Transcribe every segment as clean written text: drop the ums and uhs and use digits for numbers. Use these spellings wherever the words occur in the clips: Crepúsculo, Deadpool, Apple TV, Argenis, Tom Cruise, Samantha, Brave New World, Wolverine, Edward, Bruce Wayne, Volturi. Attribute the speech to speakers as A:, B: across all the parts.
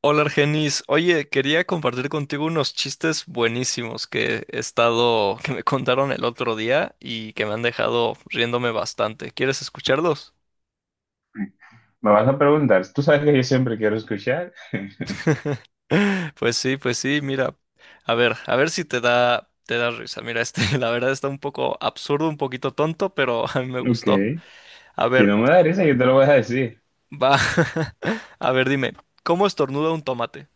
A: Hola Argenis, oye, quería compartir contigo unos chistes buenísimos que me contaron el otro día y que me han dejado riéndome bastante. ¿Quieres escucharlos?
B: Me vas a preguntar, tú sabes que yo siempre quiero escuchar.
A: Pues sí, mira, a ver si te da risa. Mira, este, la verdad está un poco absurdo, un poquito tonto, pero a mí me
B: Ok.
A: gustó. A
B: Si
A: ver,
B: no me da risa, yo te lo voy a decir.
A: va, a ver, dime, ¿cómo estornuda un tomate?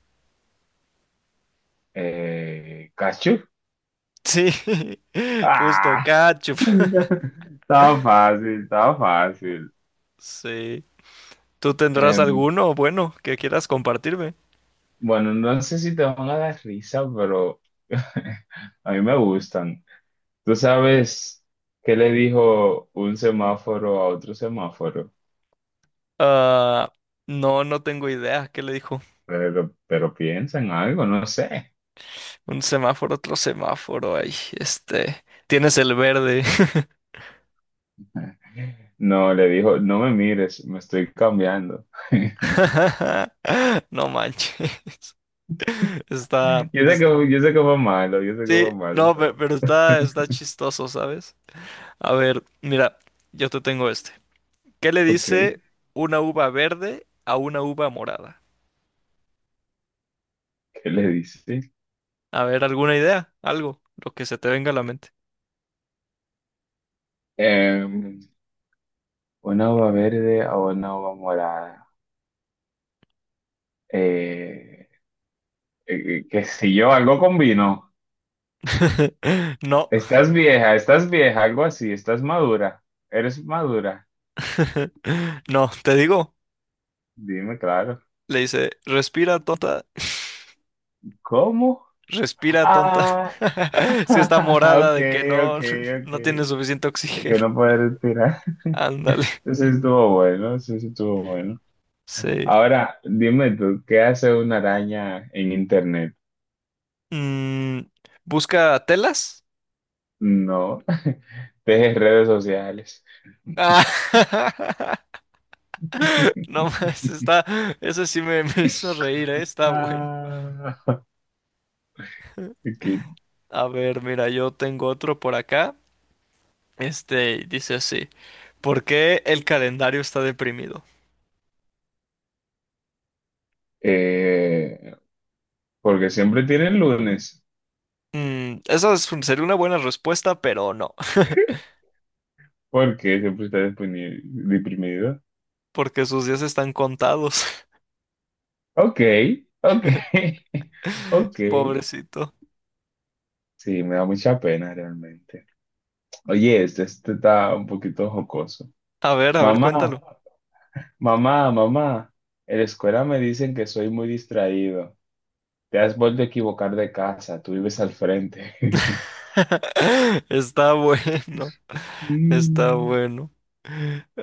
B: ¿Cachu?
A: Sí, justo,
B: Ah,
A: ketchup.
B: estaba fácil, estaba fácil.
A: Sí. ¿Tú tendrás
B: Em,
A: alguno bueno que quieras compartirme?
B: bueno, no sé si te van a dar risa, pero a mí me gustan. ¿Tú sabes qué le dijo un semáforo a otro semáforo?
A: Ah, no, no tengo idea. ¿Qué le dijo?
B: Pero piensa en algo, no sé.
A: Un semáforo, otro semáforo. Ay, este, tienes el verde.
B: No, le dijo, no me mires, me estoy cambiando.
A: ¡No manches! Está, es-
B: Yo sé que fue malo, yo sé que
A: sí,
B: fue malo,
A: no,
B: pero
A: pero está, está chistoso, ¿sabes? A ver, mira, yo te tengo este. ¿Qué le
B: ok, ¿qué
A: dice una uva verde a una uva morada?
B: le dice?
A: A ver, ¿alguna idea? Algo, lo que se te venga a la mente.
B: Em, una uva verde a una uva morada. Eh, qué sé yo, algo con vino.
A: No.
B: Estás vieja, algo así, estás madura, eres madura.
A: No, te digo,
B: Dime, claro.
A: le dice, respira tonta,
B: ¿Cómo?
A: respira tonta.
B: Ah,
A: Es que está morada
B: ok,
A: de que no,
B: ok, ok.
A: no tiene suficiente
B: De que
A: oxígeno.
B: no puedo respirar.
A: Ándale,
B: Entonces estuvo bueno, sí, sí estuvo bueno.
A: sí.
B: Ahora, dime tú, ¿qué hace una araña en internet?
A: Mm, ¿busca telas?
B: No, teje redes sociales.
A: Ah, no más, está, me hizo reír, ¿eh? Está bueno.
B: Ah, aquí.
A: A ver, mira, yo tengo otro por acá. Este dice así, ¿por qué el calendario está deprimido?
B: Eh, porque siempre tiene el lunes.
A: Mm, sería una buena respuesta, pero no.
B: Porque siempre está deprimido.
A: Porque sus días están contados.
B: Ok, ok, ok.
A: Pobrecito.
B: Sí, me da mucha pena realmente. Oye, este está un poquito jocoso.
A: A ver,
B: Mamá,
A: cuéntalo.
B: mamá, mamá. En la escuela me dicen que soy muy distraído. Te has vuelto a equivocar de casa, tú vives al frente.
A: Está bueno, está
B: Mm,
A: bueno.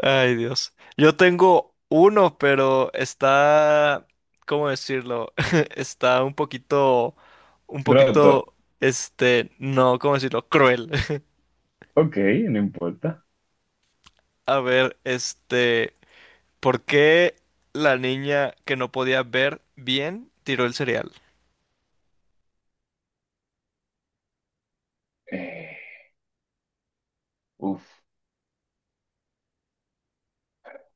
A: Ay, Dios. Yo tengo uno, pero está, ¿cómo decirlo? Está un
B: roto.
A: poquito, este, no, ¿cómo decirlo? Cruel.
B: Ok, no importa.
A: A ver, este, ¿por qué la niña que no podía ver bien tiró el cereal?
B: Eh, uf,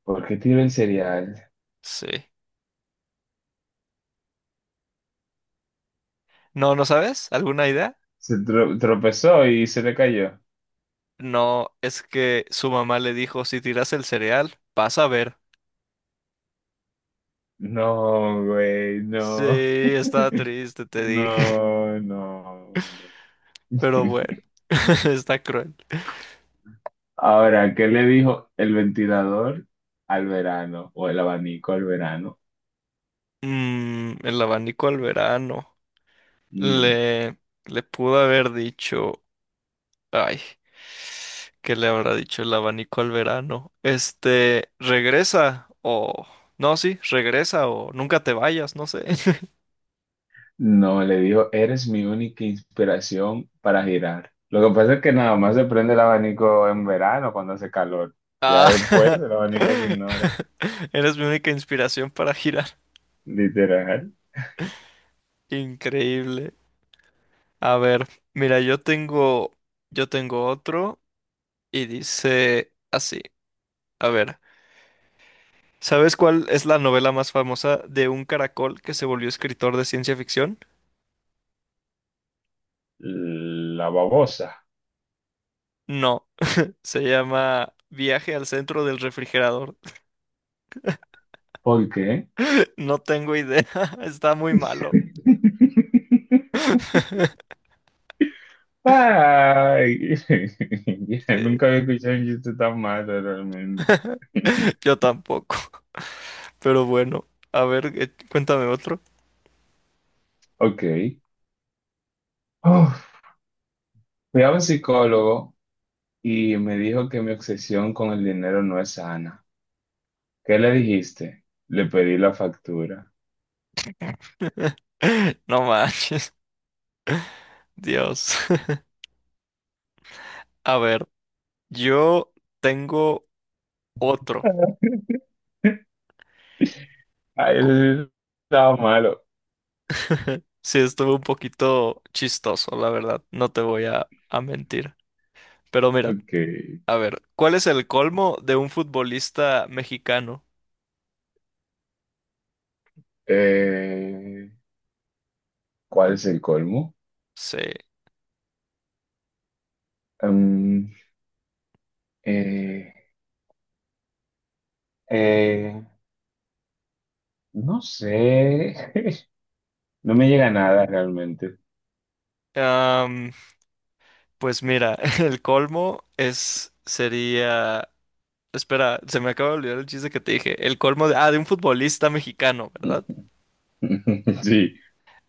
B: ¿por qué tiró el cereal?
A: Sí. No, ¿no sabes? ¿Alguna idea?
B: Tropezó y se le cayó.
A: No, es que su mamá le dijo, si tiras el cereal, vas a ver.
B: No, güey,
A: Sí,
B: no.
A: está triste, te dije.
B: No, no, no.
A: Pero bueno, está cruel.
B: Ahora, ¿qué le dijo el ventilador al verano o el abanico al verano?
A: Mm, el abanico al verano.
B: Mm.
A: Le, le pudo haber dicho, ay, ¿qué le habrá dicho el abanico al verano? Este, regresa o... No, sí, regresa o nunca te vayas, no sé.
B: No, le dijo, eres mi única inspiración para girar. Lo que pasa es que nada más se prende el abanico en verano cuando hace calor. Ya después
A: Ah,
B: el abanico se ignora.
A: eres mi única inspiración para girar.
B: Literal,
A: Increíble. A ver, mira, yo tengo otro y dice así. A ver, ¿sabes cuál es la novela más famosa de un caracol que se volvió escritor de ciencia ficción?
B: la babosa.
A: No, se llama Viaje al centro del refrigerador.
B: ¿Por qué?
A: No tengo idea, está muy malo.
B: Ay, ya, nunca
A: Sí,
B: había escuchado un chiste tan malo realmente.
A: yo tampoco. Pero bueno, a ver, cuéntame otro.
B: Ok. Uf, fui a un psicólogo y me dijo que mi obsesión con el dinero no es sana. ¿Qué le dijiste? Le pedí la factura.
A: ¡No manches, Dios! A ver, yo tengo otro.
B: Ay,
A: Cu-
B: eso sí estaba malo.
A: Sí, estuvo un poquito chistoso, la verdad, no te voy a mentir. Pero mira,
B: Ok.
A: a ver, ¿cuál es el colmo de un futbolista mexicano?
B: Eh, ¿Cuál es el colmo?
A: Sí.
B: Mm, eh, eh, no sé. No me llega nada realmente.
A: am, pues mira, sería, espera, se me acaba de olvidar el chiste que te dije. El colmo de, ah, de un futbolista mexicano, ¿verdad?
B: Sí.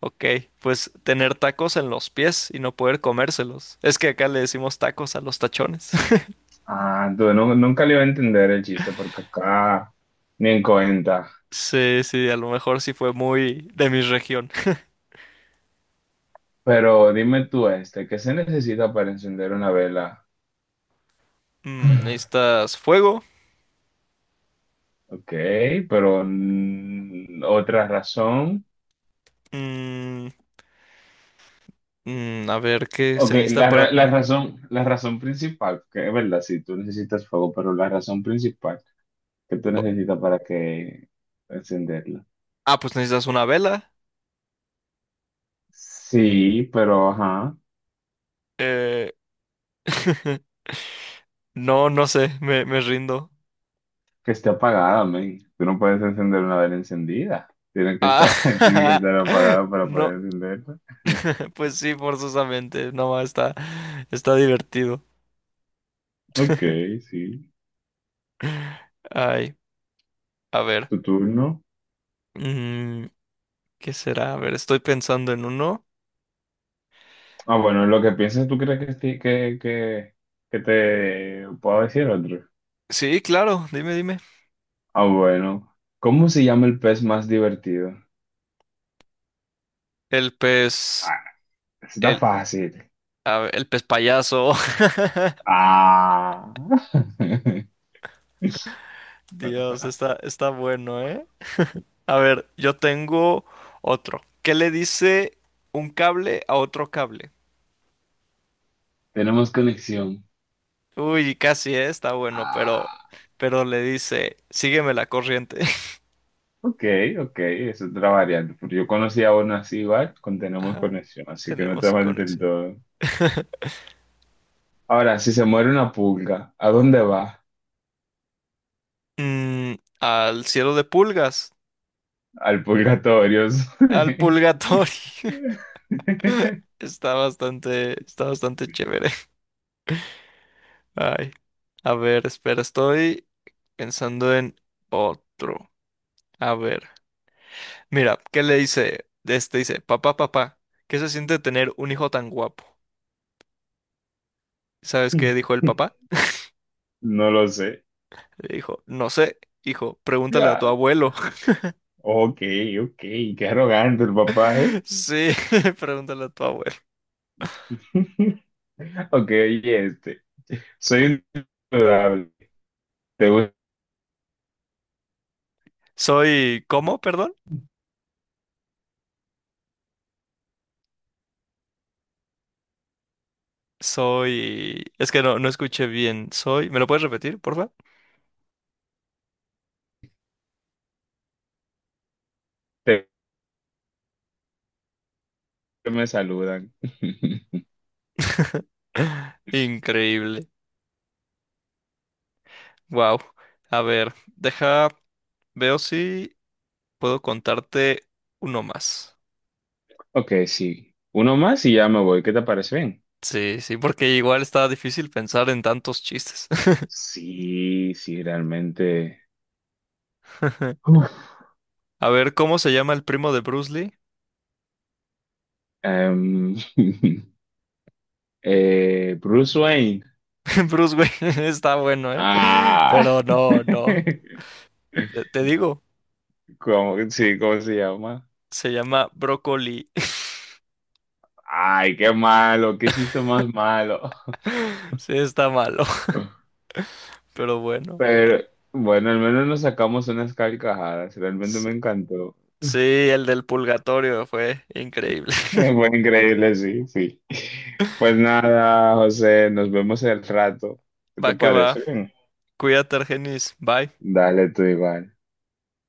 A: Ok, pues tener tacos en los pies y no poder comérselos. Es que acá le decimos tacos a los tachones.
B: Ah, tú no- nunca le iba a entender el chiste porque acá ni en cuenta.
A: Sí, sí, a lo mejor sí fue muy de mi región.
B: Pero dime tú este, ¿qué se necesita para encender una vela?
A: Mm, necesitas fuego.
B: Ok, pero mm, otra razón.
A: Mm, a ver, ¿qué se
B: Ok,
A: necesita para...
B: la razón principal, que es verdad, si tú necesitas fuego, pero la razón principal que tú necesitas para que encenderla.
A: Ah, pues necesitas una vela.
B: Sí, pero ajá,
A: Eh, No, no sé, me rindo.
B: que esté apagada, men. Tú no puedes encender una vela encendida. Tiene que
A: Ah,
B: estar, tiene que estar apagada para
A: no.
B: poder encenderla.
A: Pues sí, forzosamente. No, está, está divertido.
B: Ok, sí.
A: Ay, a ver.
B: Tu turno.
A: Mm, ¿qué será? A ver, estoy pensando en uno.
B: Ah, bueno, lo que piensas, ¿tú crees que, esti- que te puedo decir otro?
A: Sí, claro, dime, dime.
B: Ah, bueno. ¿Cómo se llama el pez más divertido?
A: El pez.
B: Está
A: El,
B: fácil.
A: a ver, el pez payaso.
B: Ah.
A: Dios, está, está bueno, ¿eh? A ver, yo tengo otro. ¿Qué le dice un cable a otro cable?
B: Tenemos conexión.
A: Uy, casi, está bueno,
B: Ah.
A: pero le dice, sígueme la corriente.
B: Ok, ok, es otra variante. Porque yo conocía a uno así igual, con tenemos
A: Ajá,
B: conexión, así que no está
A: tenemos
B: mal del
A: conexión.
B: todo. Ahora, si se muere una pulga, ¿a dónde va?
A: Mm, al cielo de pulgas,
B: Al purgatorio.
A: al purgatorio. Está bastante chévere. Ay, a ver, espera, estoy pensando en otro. A ver, mira, ¿qué le dice? Este dice, papá, papá, ¿qué se siente tener un hijo tan guapo? ¿Sabes qué dijo el papá?
B: No lo sé.
A: Le dijo, no sé, hijo, pregúntale a tu
B: Ya.
A: abuelo.
B: Ok, ok, qué arrogante el papá, ¿eh?
A: Sí, pregúntale a tu abuelo.
B: Ok, oye, este. Soy un Te gusta
A: Soy, ¿cómo? Perdón. Soy, es que no, no escuché bien. Soy, ¿me lo puedes repetir, porfa?
B: que me saludan.
A: Increíble. Wow. A ver, deja, veo si puedo contarte uno más.
B: Ok, sí. Uno más y ya me voy. ¿Qué te parece bien?
A: Sí, sí, porque igual está difícil pensar en tantos chistes.
B: Sí, sí, realmente. Uf.
A: A ver, ¿cómo se llama el primo de Bruce Lee?
B: Em, Bruce Wayne.
A: Bruce Wayne, está bueno, ¿eh?
B: Ah.
A: Pero no, no. Te digo,
B: ¿Cómo, sí, cómo se llama?
A: se llama brócoli.
B: Ay, qué malo, qué chiste más malo.
A: Sí, está malo, pero bueno.
B: Pero bueno, al menos nos sacamos unas carcajadas. Realmente
A: Sí,
B: me encantó.
A: sí, el del purgatorio fue increíble.
B: Fue increíble, sí, sí. Pues nada, José, nos vemos el rato. ¿Qué
A: Va
B: te
A: que va.
B: parece?
A: Cuídate, Argenis. Bye.
B: Dale tú igual.